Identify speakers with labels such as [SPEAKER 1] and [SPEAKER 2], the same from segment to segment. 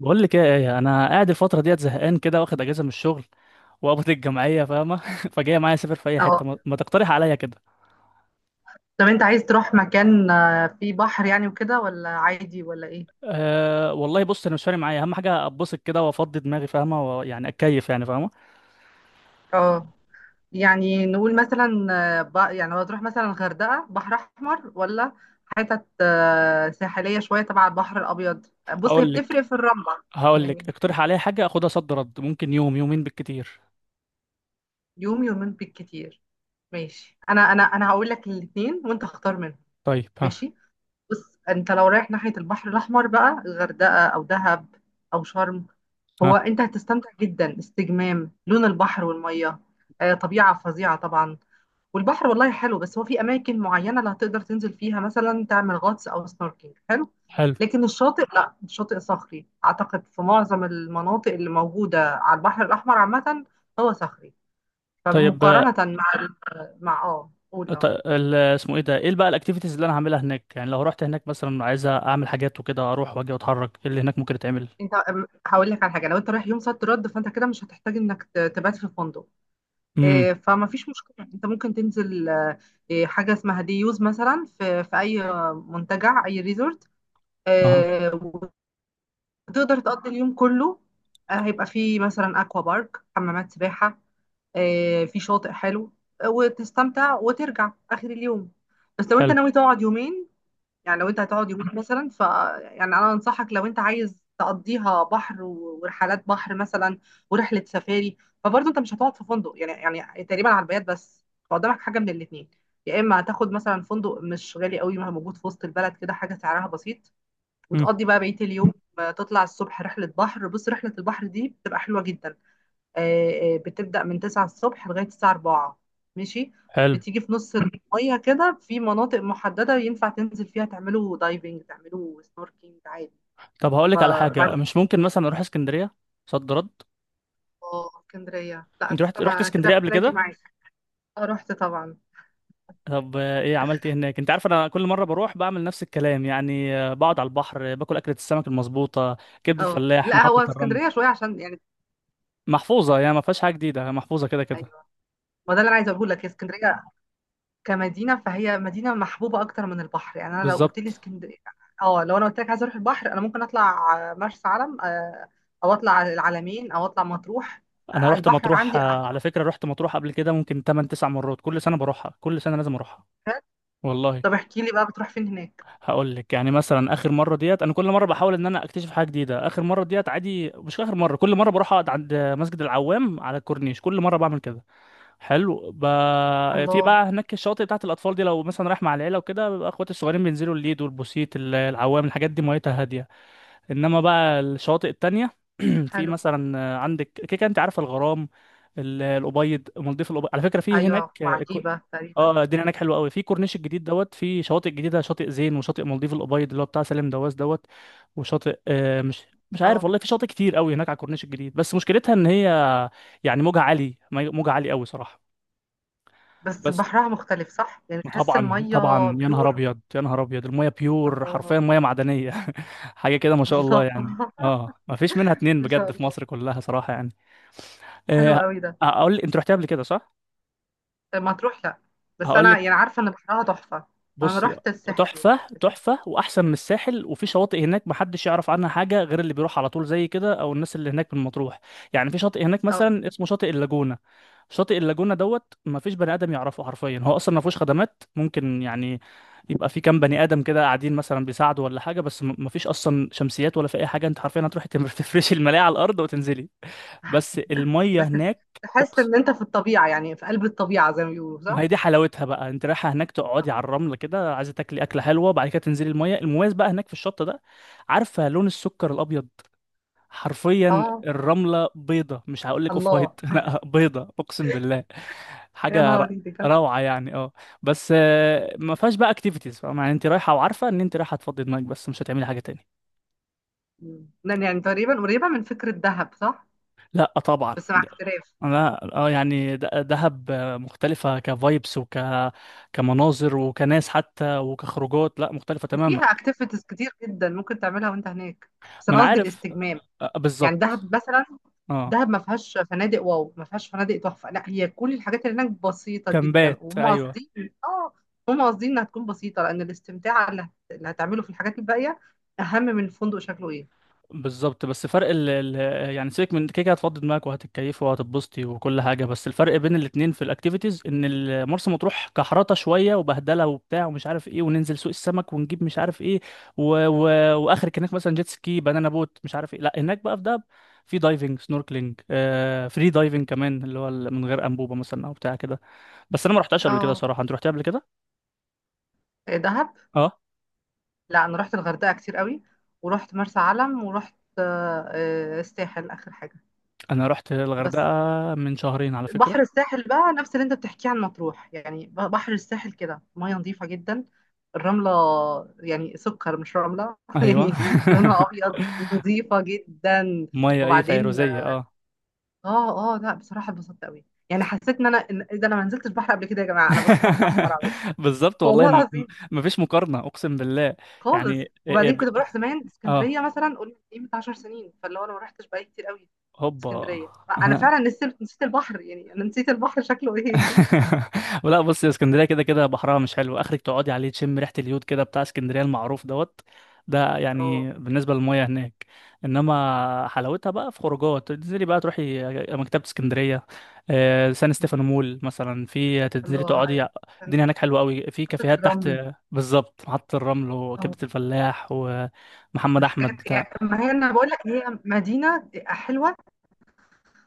[SPEAKER 1] بقول لك ايه، يا ايه؟ انا قاعد الفتره ديت زهقان كده، واخد اجازه من الشغل وقبض الجمعيه، فاهمه؟ فجاي معايا اسافر في اي
[SPEAKER 2] اه،
[SPEAKER 1] حته، ما تقترح عليا كده.
[SPEAKER 2] طب انت عايز تروح مكان، فيه بحر يعني وكده، ولا عادي، ولا ايه؟
[SPEAKER 1] أه، والله بص انا مش فارق معايا، اهم حاجه اتبسط كده وافضي دماغي فاهمه، ويعني اتكيف يعني فاهمه.
[SPEAKER 2] اه، يعني نقول مثلا، يعني لو تروح مثلا الغردقة، بحر احمر، ولا حتت ساحلية شوية تبع البحر الابيض؟ بص، هي
[SPEAKER 1] هقول لك
[SPEAKER 2] بتفرق في الرملة.
[SPEAKER 1] هقول لك
[SPEAKER 2] يعني
[SPEAKER 1] اقترح عليا حاجه اخدها صد رد، ممكن يوم يومين بالكتير.
[SPEAKER 2] يوم يومين بالكتير. ماشي، انا هقول لك الاثنين وانت اختار منهم.
[SPEAKER 1] طيب ها.
[SPEAKER 2] ماشي، بص، انت لو رايح ناحية البحر الاحمر بقى، الغردقة او دهب او شرم، هو
[SPEAKER 1] ها.
[SPEAKER 2] انت هتستمتع جدا، استجمام، لون البحر والميه. طبيعه فظيعه طبعا، والبحر والله حلو، بس هو في اماكن معينه اللي هتقدر تنزل فيها، مثلا تعمل غطس او سنوركينج حلو.
[SPEAKER 1] حلو.
[SPEAKER 2] لكن الشاطئ، لا، الشاطئ صخري اعتقد في معظم المناطق اللي موجوده على البحر الاحمر عامه، هو صخري.
[SPEAKER 1] طيب
[SPEAKER 2] فمقارنه مع مع، قول،
[SPEAKER 1] اسمه ايه ده؟ ايه بقى الاكتيفيتيز اللي انا هعملها هناك؟ يعني لو رحت هناك مثلا عايز اعمل حاجات وكده، اروح واجي واتحرك. ايه اللي هناك ممكن يتعمل؟
[SPEAKER 2] انت هقول لك على حاجه. لو انت رايح يوم صد رد، فانت كده مش هتحتاج انك تبات في فندق.
[SPEAKER 1] امم.
[SPEAKER 2] فما فيش مشكلة، انت ممكن تنزل حاجة اسمها ديوز مثلا، في اي منتجع، اي ريزورت.
[SPEAKER 1] اها.
[SPEAKER 2] آه، وتقدر تقضي اليوم كله. هيبقى فيه مثلا اكوا بارك، حمامات سباحة، في شاطئ حلو، وتستمتع وترجع اخر اليوم. بس لو انت
[SPEAKER 1] حلو.
[SPEAKER 2] ناوي تقعد يومين، يعني لو انت هتقعد يومين مثلا، يعني انا انصحك، لو انت عايز تقضيها بحر ورحلات بحر مثلا، ورحله سفاري، فبرضه انت مش هتقعد في فندق يعني تقريبا على البيات بس. فقدامك حاجه من الاثنين، يا اما هتاخد مثلا فندق مش غالي قوي، ما هو موجود في وسط البلد كده، حاجه سعرها بسيط،
[SPEAKER 1] امم.
[SPEAKER 2] وتقضي بقى بقيه اليوم. تطلع الصبح رحله بحر. بص، رحله البحر دي بتبقى حلوه جدا، بتبدأ من 9 الصبح لغاية الساعة 4. ماشي.
[SPEAKER 1] حلو.
[SPEAKER 2] بتيجي في نص المية كده، في مناطق محددة ينفع تنزل فيها، تعملوا دايفنج، تعملوا سنوركينج عادي.
[SPEAKER 1] طب هقول
[SPEAKER 2] ف-
[SPEAKER 1] لك على حاجه،
[SPEAKER 2] وبعدين،
[SPEAKER 1] مش ممكن مثلا اروح اسكندريه صد رد؟
[SPEAKER 2] اه، اسكندرية، لا
[SPEAKER 1] انت
[SPEAKER 2] ده
[SPEAKER 1] رحت
[SPEAKER 2] استنى،
[SPEAKER 1] رحت
[SPEAKER 2] أنا كده
[SPEAKER 1] اسكندريه قبل
[SPEAKER 2] ممكن اجي
[SPEAKER 1] كده؟
[SPEAKER 2] معاك. اه، رحت طبعا.
[SPEAKER 1] طب ايه عملت ايه هناك؟ انت عارف انا كل مره بروح بعمل نفس الكلام يعني، بقعد على البحر، باكل اكله السمك المظبوطه، كبده
[SPEAKER 2] اه
[SPEAKER 1] فلاح،
[SPEAKER 2] لا، هو
[SPEAKER 1] محطه الرمل.
[SPEAKER 2] اسكندرية شوية عشان يعني،
[SPEAKER 1] محفوظه يعني، ما فيهاش حاجه جديده، محفوظه كده كده.
[SPEAKER 2] ايوه. ما ده اللي انا عايزه اقول لك، هي اسكندرية كمدينة، فهي مدينة محبوبة أكتر من البحر. يعني أنا لو قلت لي
[SPEAKER 1] بالظبط.
[SPEAKER 2] اسكندرية، اه، لو أنا قلت لك عايزة أروح البحر، أنا ممكن أطلع مرسى علم، أو أطلع على العلمين، أو أطلع مطروح.
[SPEAKER 1] انا رحت
[SPEAKER 2] البحر
[SPEAKER 1] مطروح
[SPEAKER 2] عندي أحلى.
[SPEAKER 1] على فكره، رحت مطروح قبل كده ممكن 8 9 مرات، كل سنه بروحها، كل سنه لازم اروحها، والله.
[SPEAKER 2] طب احكي لي بقى، بتروح فين هناك؟
[SPEAKER 1] هقول لك يعني مثلا اخر مره ديت، انا كل مره بحاول ان انا اكتشف حاجه جديده. اخر مره ديت عادي، مش اخر مره، كل مره بروح اقعد عند مسجد العوام على الكورنيش، كل مره بعمل كده. حلو. في
[SPEAKER 2] الله،
[SPEAKER 1] بقى هناك الشواطئ بتاعت الاطفال دي، لو مثلا رايح مع العيله وكده، بيبقى اخواتي الصغيرين بينزلوا الليد والبوسيت العوام، الحاجات دي ميتها هاديه. انما بقى الشواطئ التانية في
[SPEAKER 2] حلو.
[SPEAKER 1] مثلا عندك كده كده انت عارف الغرام، الابيض، مالديف الابيض على فكره. في
[SPEAKER 2] أيوة،
[SPEAKER 1] هناك اه
[SPEAKER 2] وعجيبة تقريبا.
[SPEAKER 1] الدنيا هناك حلوه قوي. في كورنيش الجديد دوت، في شواطئ جديده، شاطئ زين وشاطئ مالديف الابيض اللي هو بتاع سالم دواس دوت. وشاطئ مش عارف
[SPEAKER 2] اه،
[SPEAKER 1] والله، في شاطئ كتير قوي هناك على الكورنيش الجديد. بس مشكلتها ان هي يعني موجها عالي، موجها عالي قوي صراحه.
[SPEAKER 2] بس
[SPEAKER 1] بس
[SPEAKER 2] بحرها مختلف صح؟ يعني تحس
[SPEAKER 1] طبعا
[SPEAKER 2] المية
[SPEAKER 1] طبعا، يا نهار
[SPEAKER 2] بيور.
[SPEAKER 1] ابيض يا نهار ابيض، الميه بيور
[SPEAKER 2] الله.
[SPEAKER 1] حرفيا، ميه معدنيه. حاجه كده ما شاء الله
[SPEAKER 2] الله،
[SPEAKER 1] يعني، اه ما فيش منها اتنين
[SPEAKER 2] ما شاء
[SPEAKER 1] بجد في مصر
[SPEAKER 2] الله،
[SPEAKER 1] كلها صراحه يعني.
[SPEAKER 2] حلو
[SPEAKER 1] آه،
[SPEAKER 2] قوي ده.
[SPEAKER 1] اقول، انت رحتها قبل كده صح؟
[SPEAKER 2] مطروح؟ لا، بس
[SPEAKER 1] هقول
[SPEAKER 2] أنا يعني
[SPEAKER 1] لك.
[SPEAKER 2] عارفة إن بحرها تحفة. أنا
[SPEAKER 1] بصي،
[SPEAKER 2] رحت الساحل
[SPEAKER 1] تحفة
[SPEAKER 2] قبل كده.
[SPEAKER 1] تحفة، وأحسن من الساحل. وفي شواطئ هناك محدش يعرف عنها حاجة غير اللي بيروح على طول زي كده، أو الناس اللي هناك من مطروح. يعني في شاطئ هناك
[SPEAKER 2] اه،
[SPEAKER 1] مثلا اسمه شاطئ اللاجونة. شاطئ اللاجونة دوت مفيش بني آدم يعرفه حرفيا. هو أصلا مفيهوش خدمات، ممكن يعني يبقى في كام بني آدم كده قاعدين مثلا بيساعدوا ولا حاجة، بس مفيش أصلا شمسيات ولا في أي حاجة. أنت حرفيا هتروحي تفرشي الملاية على الأرض وتنزلي. بس المية هناك،
[SPEAKER 2] تحس ان انت في الطبيعة، يعني في قلب الطبيعة زي ما بيقولوا،
[SPEAKER 1] ما هي
[SPEAKER 2] صح؟
[SPEAKER 1] دي حلاوتها بقى. انت رايحه هناك تقعدي على الرمله كده، عايزه تاكلي اكله حلوه، بعد كده تنزلي الميه. المميز بقى هناك في الشط ده، عارفه لون السكر الابيض؟ حرفيا
[SPEAKER 2] اه،
[SPEAKER 1] الرمله بيضه، مش هقول لك اوف
[SPEAKER 2] الله،
[SPEAKER 1] وايت لا بيضه اقسم بالله.
[SPEAKER 2] يا
[SPEAKER 1] حاجه ر-
[SPEAKER 2] نهاري دي جامدة.
[SPEAKER 1] روعه يعني اه. بس ما فيهاش بقى اكتيفيتيز فاهم؟ يعني انت رايحه، وعارفه ان انت رايحه تفضي دماغك، بس مش هتعملي حاجه تاني.
[SPEAKER 2] مم. لأن يعني تقريبا قريبة من فكرة دهب، صح؟
[SPEAKER 1] لا طبعا.
[SPEAKER 2] بس مع اختلاف.
[SPEAKER 1] انا اه يعني دهب مختلفه كفايبس، وك كمناظر وكناس حتى وكخروجات، لا مختلفه
[SPEAKER 2] وفيها
[SPEAKER 1] تماما.
[SPEAKER 2] اكتيفيتيز كتير جدا ممكن تعملها وانت هناك، بس
[SPEAKER 1] ما
[SPEAKER 2] انا
[SPEAKER 1] انا
[SPEAKER 2] قصدي
[SPEAKER 1] عارف.
[SPEAKER 2] الاستجمام. يعني
[SPEAKER 1] بالظبط.
[SPEAKER 2] دهب مثلا،
[SPEAKER 1] اه.
[SPEAKER 2] دهب ما فيهاش فنادق واو، ما فيهاش فنادق تحفة، لا، هي كل الحاجات اللي هناك بسيطة جدا
[SPEAKER 1] كامبات
[SPEAKER 2] وهم
[SPEAKER 1] ايوه.
[SPEAKER 2] قاصدين. اه، هم قاصدين انها تكون بسيطة، لأن الاستمتاع اللي هتعمله في الحاجات الباقية أهم من الفندق شكله ايه.
[SPEAKER 1] بالظبط. بس فرق ال يعني سيبك من كده، كده هتفضي دماغك وهتتكيفي وهتتبسطي وكل حاجه. بس الفرق بين الاتنين في الاكتيفيتيز ان مرسى مطروح كحرطه شويه وبهدله وبتاع ومش عارف ايه، وننزل سوق السمك ونجيب مش عارف ايه. و واخرك هناك مثلا جيت سكي، بنانا بوت، مش عارف ايه. لا هناك بقى في دهب في دايفنج، سنوركلينج، آه فري دايفنج كمان، اللي هو من غير انبوبه مثلا او بتاع كده. بس انا ما رحتهاش قبل كده
[SPEAKER 2] اه،
[SPEAKER 1] صراحه، انت رحتها قبل كده؟
[SPEAKER 2] إيه، دهب؟ لا، انا رحت الغردقه كتير قوي، ورحت مرسى علم، ورحت الساحل اخر حاجه.
[SPEAKER 1] انا رحت
[SPEAKER 2] بس
[SPEAKER 1] الغردقه من شهرين على فكره.
[SPEAKER 2] بحر الساحل بقى نفس اللي انت بتحكيه عن مطروح، يعني بحر الساحل كده ميه نظيفه جدا، الرمله يعني سكر مش رمله
[SPEAKER 1] ايوه.
[SPEAKER 2] يعني. لونها ابيض، نظيفه جدا.
[SPEAKER 1] ميه ايه،
[SPEAKER 2] وبعدين،
[SPEAKER 1] فيروزيه اه.
[SPEAKER 2] اه لا، بصراحه اتبسطت قوي. يعني حسيت ان انا، إيه ده، انا ما نزلتش بحر قبل كده يا جماعه، انا بروح بحر احمر على طول.
[SPEAKER 1] بالظبط والله.
[SPEAKER 2] والله العظيم.
[SPEAKER 1] مفيش مقارنه اقسم بالله. يعني
[SPEAKER 2] خالص. وبعدين كنت بروح زمان اسكندريه
[SPEAKER 1] اه.
[SPEAKER 2] مثلا، قول ايه، من 10 سنين، فاللي هو انا ما رحتش بقالي كتير قوي.
[SPEAKER 1] هوبا.
[SPEAKER 2] اسكندريه، انا
[SPEAKER 1] انا.
[SPEAKER 2] فعلا نسيت نسيت البحر. يعني انا نسيت البحر شكله ايه.
[SPEAKER 1] ولا بص، يا اسكندريه كده كده بحرها مش حلو. اخرك تقعدي عليه تشم ريحه اليود كده بتاع اسكندريه المعروف دوت، ده
[SPEAKER 2] اه،
[SPEAKER 1] يعني بالنسبه للمياه هناك. انما حلاوتها بقى في خروجات، تنزلي بقى تروحي مكتبه اسكندريه، سان ستيفانو مول مثلا، في تنزلي
[SPEAKER 2] الله. ايوه،
[SPEAKER 1] تقعدي،
[SPEAKER 2] كان
[SPEAKER 1] الدنيا هناك حلوه قوي، في
[SPEAKER 2] خطه
[SPEAKER 1] كافيهات تحت.
[SPEAKER 2] الرمل.
[SPEAKER 1] بالظبط، محطه الرمل
[SPEAKER 2] اه،
[SPEAKER 1] وكبده الفلاح ومحمد احمد
[SPEAKER 2] والحاجات.
[SPEAKER 1] بتاع.
[SPEAKER 2] يعني ما هي انا بقول لك، هي مدينه حلوه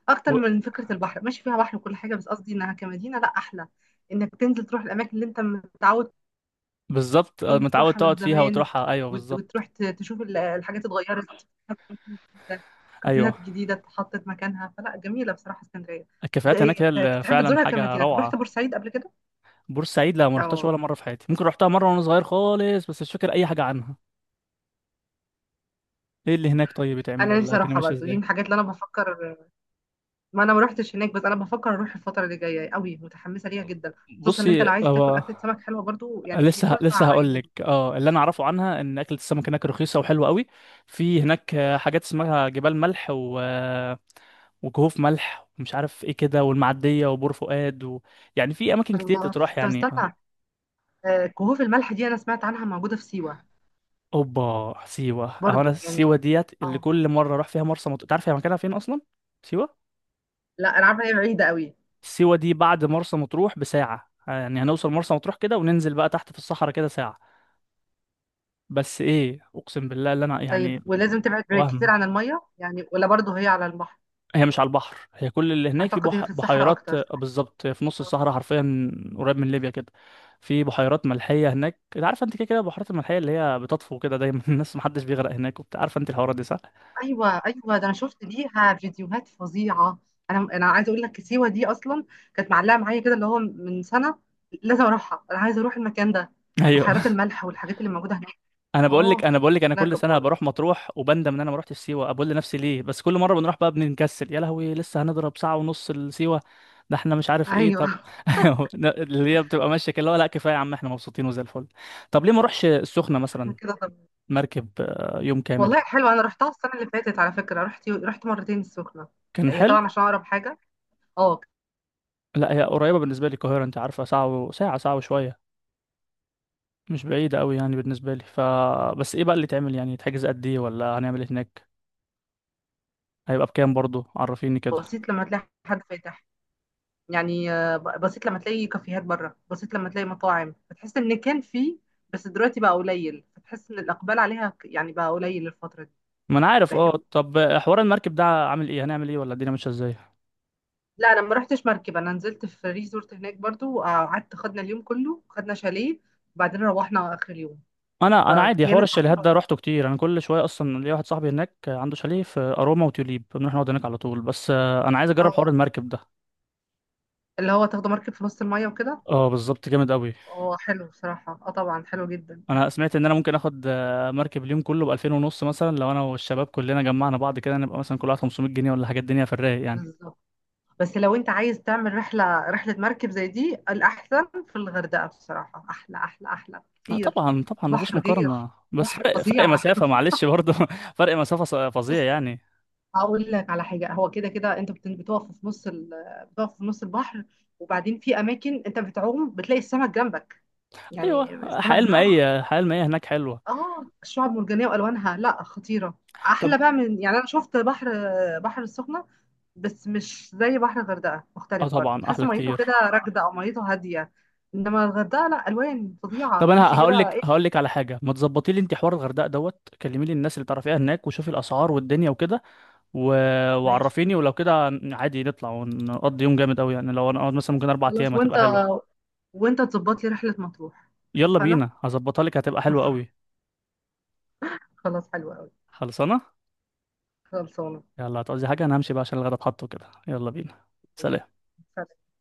[SPEAKER 2] اكتر
[SPEAKER 1] و-
[SPEAKER 2] من فكره البحر. ماشي فيها بحر وكل حاجه، بس قصدي انها كمدينه لا، احلى، انك تنزل تروح الاماكن اللي انت متعود
[SPEAKER 1] بالظبط
[SPEAKER 2] كنت
[SPEAKER 1] متعود
[SPEAKER 2] تروحها من
[SPEAKER 1] تقعد فيها
[SPEAKER 2] زمان،
[SPEAKER 1] وتروحها، ايوه بالظبط.
[SPEAKER 2] وتروح تشوف الحاجات اتغيرت،
[SPEAKER 1] ايوه
[SPEAKER 2] كافيهات جديدة اتحطت مكانها، فلا جميلة بصراحة اسكندرية. ده
[SPEAKER 1] الكافيهات هناك
[SPEAKER 2] إيه،
[SPEAKER 1] هي اللي
[SPEAKER 2] تحب
[SPEAKER 1] فعلا
[SPEAKER 2] تزورها
[SPEAKER 1] حاجه
[SPEAKER 2] كمدينة. طب رحت
[SPEAKER 1] روعه.
[SPEAKER 2] بورسعيد قبل كده؟
[SPEAKER 1] بورسعيد لا ما رحتهاش
[SPEAKER 2] اه،
[SPEAKER 1] ولا مره في حياتي، ممكن رحتها مره وانا صغير خالص بس مش فاكر اي حاجه عنها. ايه اللي هناك طيب بيتعمل،
[SPEAKER 2] انا
[SPEAKER 1] ولا
[SPEAKER 2] نفسي
[SPEAKER 1] الدنيا
[SPEAKER 2] اروحها
[SPEAKER 1] ماشيه
[SPEAKER 2] برضو، دي
[SPEAKER 1] ازاي؟
[SPEAKER 2] من الحاجات اللي انا بفكر، ما انا ما رحتش هناك، بس انا بفكر اروح الفترة اللي جاية، قوي متحمسة ليها جدا. خصوصا ان انت
[SPEAKER 1] بصي
[SPEAKER 2] لو عايز تاكل
[SPEAKER 1] هو.
[SPEAKER 2] اكلة سمك حلوة برضو، يعني هي
[SPEAKER 1] لسه لسه
[SPEAKER 2] تنفع
[SPEAKER 1] هقول
[SPEAKER 2] عيون.
[SPEAKER 1] لك، اه اللي انا اعرفه عنها ان اكله السمك هناك رخيصه وحلوه قوي. في هناك حاجات اسمها جبال ملح و وكهوف ملح ومش عارف ايه كده، والمعديه وبور فؤاد و... يعني في اماكن كتير
[SPEAKER 2] الله،
[SPEAKER 1] تتروح
[SPEAKER 2] طب
[SPEAKER 1] يعني آه.
[SPEAKER 2] استنى، كهوف الملح دي انا سمعت عنها موجودة في سيوة
[SPEAKER 1] اوبا سيوه اهو، انا
[SPEAKER 2] برضو، يعني.
[SPEAKER 1] سيوه ديت اللي
[SPEAKER 2] اه
[SPEAKER 1] كل مره اروح فيها مرسى مطروح. تعرف هي مكانها فين اصلا سيوه؟
[SPEAKER 2] لا، انا عارفة إن هي بعيدة قوي.
[SPEAKER 1] سيوة دي بعد مرسى مطروح بساعة، يعني هنوصل مرسى مطروح كده وننزل بقى تحت في الصحراء كده ساعة. بس ايه اقسم بالله اللي انا
[SPEAKER 2] طيب
[SPEAKER 1] يعني،
[SPEAKER 2] ولازم تبعد كتير
[SPEAKER 1] وهم.
[SPEAKER 2] عن المية، يعني، ولا برضه هي على البحر؟
[SPEAKER 1] هي مش على البحر، هي كل اللي هناك في
[SPEAKER 2] اعتقد هي في الصحراء
[SPEAKER 1] بحيرات،
[SPEAKER 2] اكتر، صح؟
[SPEAKER 1] بالظبط في نص الصحراء حرفيا. قريب من ليبيا كده. في بحيرات ملحية هناك. انت عارفه انت كده كده البحيرات الملحية اللي هي بتطفو كده دايما الناس محدش بيغرق هناك وبتاع، عارفه انت الحوارات دي صح؟
[SPEAKER 2] ايوه، ايوه، ده انا شفت ليها فيديوهات فظيعة. انا عايزة اقول لك، سيوة دي اصلا كانت معلقة معايا كده، اللي هو من سنة لازم اروحها، انا عايزة اروح المكان ده، بحيرات
[SPEAKER 1] ايوه.
[SPEAKER 2] الملح والحاجات اللي موجودة هناك.
[SPEAKER 1] انا بقول لك
[SPEAKER 2] اه،
[SPEAKER 1] انا بقول لك انا
[SPEAKER 2] شكلها
[SPEAKER 1] كل سنه بروح
[SPEAKER 2] جبارة.
[SPEAKER 1] مطروح وبندم ان انا ما رحتش سيوه، بقول لنفسي ليه؟ بس كل مره بنروح بقى بنكسل، يا لهوي لسه هنضرب ساعه ونص لسيوه. ده احنا مش عارف ايه
[SPEAKER 2] ايوه.
[SPEAKER 1] طب. اللي هي بتبقى ماشيه كده اللي هو، لا كفايه يا عم احنا مبسوطين وزي الفل. طب ليه ما اروحش السخنه مثلا؟
[SPEAKER 2] كده طب.
[SPEAKER 1] مركب يوم كامل.
[SPEAKER 2] والله حلوة، انا رحتها السنة اللي فاتت على فكرة، رحت مرتين السخنة.
[SPEAKER 1] كان
[SPEAKER 2] هي
[SPEAKER 1] حلو.
[SPEAKER 2] طبعا عشان اقرب حاجة. اه،
[SPEAKER 1] لا هي قريبه بالنسبه لي القاهره، انت عارفه ساعه و... ساعه، ساعه وشويه، مش بعيده قوي يعني بالنسبه لي ف. بس ايه بقى اللي تعمل يعني، تحجز قد ايه، ولا هنعمل إيه هناك؟ هيبقى بكام برضو؟ عرفيني كده.
[SPEAKER 2] بسيط لما تلاقي حد فاتح، يعني بسيط لما تلاقي كافيهات بره، بسيط لما تلاقي مطاعم، فتحس ان كان في، بس دلوقتي بقى قليل، فتحس ان الاقبال عليها يعني بقى قليل الفتره دي.
[SPEAKER 1] ما انا عارف. اه
[SPEAKER 2] فاهم.
[SPEAKER 1] طب حوار المركب ده عامل ايه، هنعمل ايه، ولا الدنيا ماشيه ازاي؟
[SPEAKER 2] لا، انا ما رحتش مركب، انا نزلت في ريزورت هناك برضو، وقعدت، خدنا اليوم كله، خدنا شاليه، وبعدين روحنا اخر اليوم.
[SPEAKER 1] انا عادي حوار
[SPEAKER 2] فكانت
[SPEAKER 1] الشاليهات
[SPEAKER 2] حلوه.
[SPEAKER 1] ده روحته كتير، انا كل شويه اصلا ليا واحد صاحبي هناك عنده شاليه في اروما وتوليب، بنروح نقعد هناك على طول. بس انا عايز اجرب حوار
[SPEAKER 2] اه،
[SPEAKER 1] المركب ده.
[SPEAKER 2] اللي هو تاخدوا مركب في نص الميه وكده.
[SPEAKER 1] اه بالظبط، جامد قوي.
[SPEAKER 2] اه، حلو بصراحه، اه طبعا حلو جدا.
[SPEAKER 1] انا سمعت ان انا ممكن اخد مركب اليوم كله ب 2000 ونص مثلا، لو انا والشباب كلنا جمعنا بعض كده نبقى مثلا كل واحد 500 جنيه ولا حاجه، الدنيا في الرايق يعني.
[SPEAKER 2] بالظبط. بس لو انت عايز تعمل رحله مركب زي دي الاحسن في الغردقه بصراحه، احلى احلى احلى
[SPEAKER 1] لا
[SPEAKER 2] كتير.
[SPEAKER 1] طبعا طبعا، مفيش
[SPEAKER 2] بحر غير،
[SPEAKER 1] مقارنه، بس
[SPEAKER 2] بحر
[SPEAKER 1] فرق، فرق
[SPEAKER 2] فظيع.
[SPEAKER 1] مسافه معلش برضه. فرق مسافه فظيع
[SPEAKER 2] بص،
[SPEAKER 1] يعني.
[SPEAKER 2] هقول لك على حاجه، هو كده كده انت بتقف في نص بتقف في نص البحر. وبعدين في اماكن انت بتعوم بتلاقي السمك جنبك،
[SPEAKER 1] ايوه،
[SPEAKER 2] يعني السمك
[SPEAKER 1] حياه
[SPEAKER 2] بيعوم.
[SPEAKER 1] المائيه، الحياه المائيه هناك حلوه.
[SPEAKER 2] اه، الشعاب المرجانيه والوانها لا، خطيره.
[SPEAKER 1] طب
[SPEAKER 2] احلى بقى من، يعني انا شفت بحر، بحر السخنه، بس مش زي بحر الغردقة.
[SPEAKER 1] اه
[SPEAKER 2] مختلف برضه،
[SPEAKER 1] طبعا
[SPEAKER 2] تحس
[SPEAKER 1] احلى
[SPEAKER 2] ميته كده
[SPEAKER 1] كتير.
[SPEAKER 2] راكدة، أو ميته هادية. إنما الغردقة لأ، ألوان
[SPEAKER 1] طب
[SPEAKER 2] فظيعة، تمشي
[SPEAKER 1] انا هقول
[SPEAKER 2] كده،
[SPEAKER 1] لك،
[SPEAKER 2] إيه.
[SPEAKER 1] هقول لك على حاجه، ما تظبطي لي انت حوار الغردقه دوت، كلمي لي الناس اللي تعرفيها هناك وشوفي الاسعار والدنيا وكده. و...
[SPEAKER 2] ماشي.
[SPEAKER 1] وعرفيني ولو كده. عادي نطلع ونقضي يوم جامد قوي يعني، لو انا اقعد مثلا ممكن اربع
[SPEAKER 2] خلاص،
[SPEAKER 1] ايام
[SPEAKER 2] وأنت
[SPEAKER 1] هتبقى حلوه.
[SPEAKER 2] وأنت تظبط لي رحلة مطروح.
[SPEAKER 1] يلا
[SPEAKER 2] اتفقنا.
[SPEAKER 1] بينا، هظبطها لك، هتبقى حلوه قوي.
[SPEAKER 2] خلاص، حلوة أوي.
[SPEAKER 1] خلصانه.
[SPEAKER 2] خلصانة.
[SPEAKER 1] يلا، هتقضي حاجه؟ انا همشي بقى عشان الغدا اتحط وكده. يلا بينا.
[SPEAKER 2] ماشي.
[SPEAKER 1] سلام.
[SPEAKER 2] سلام.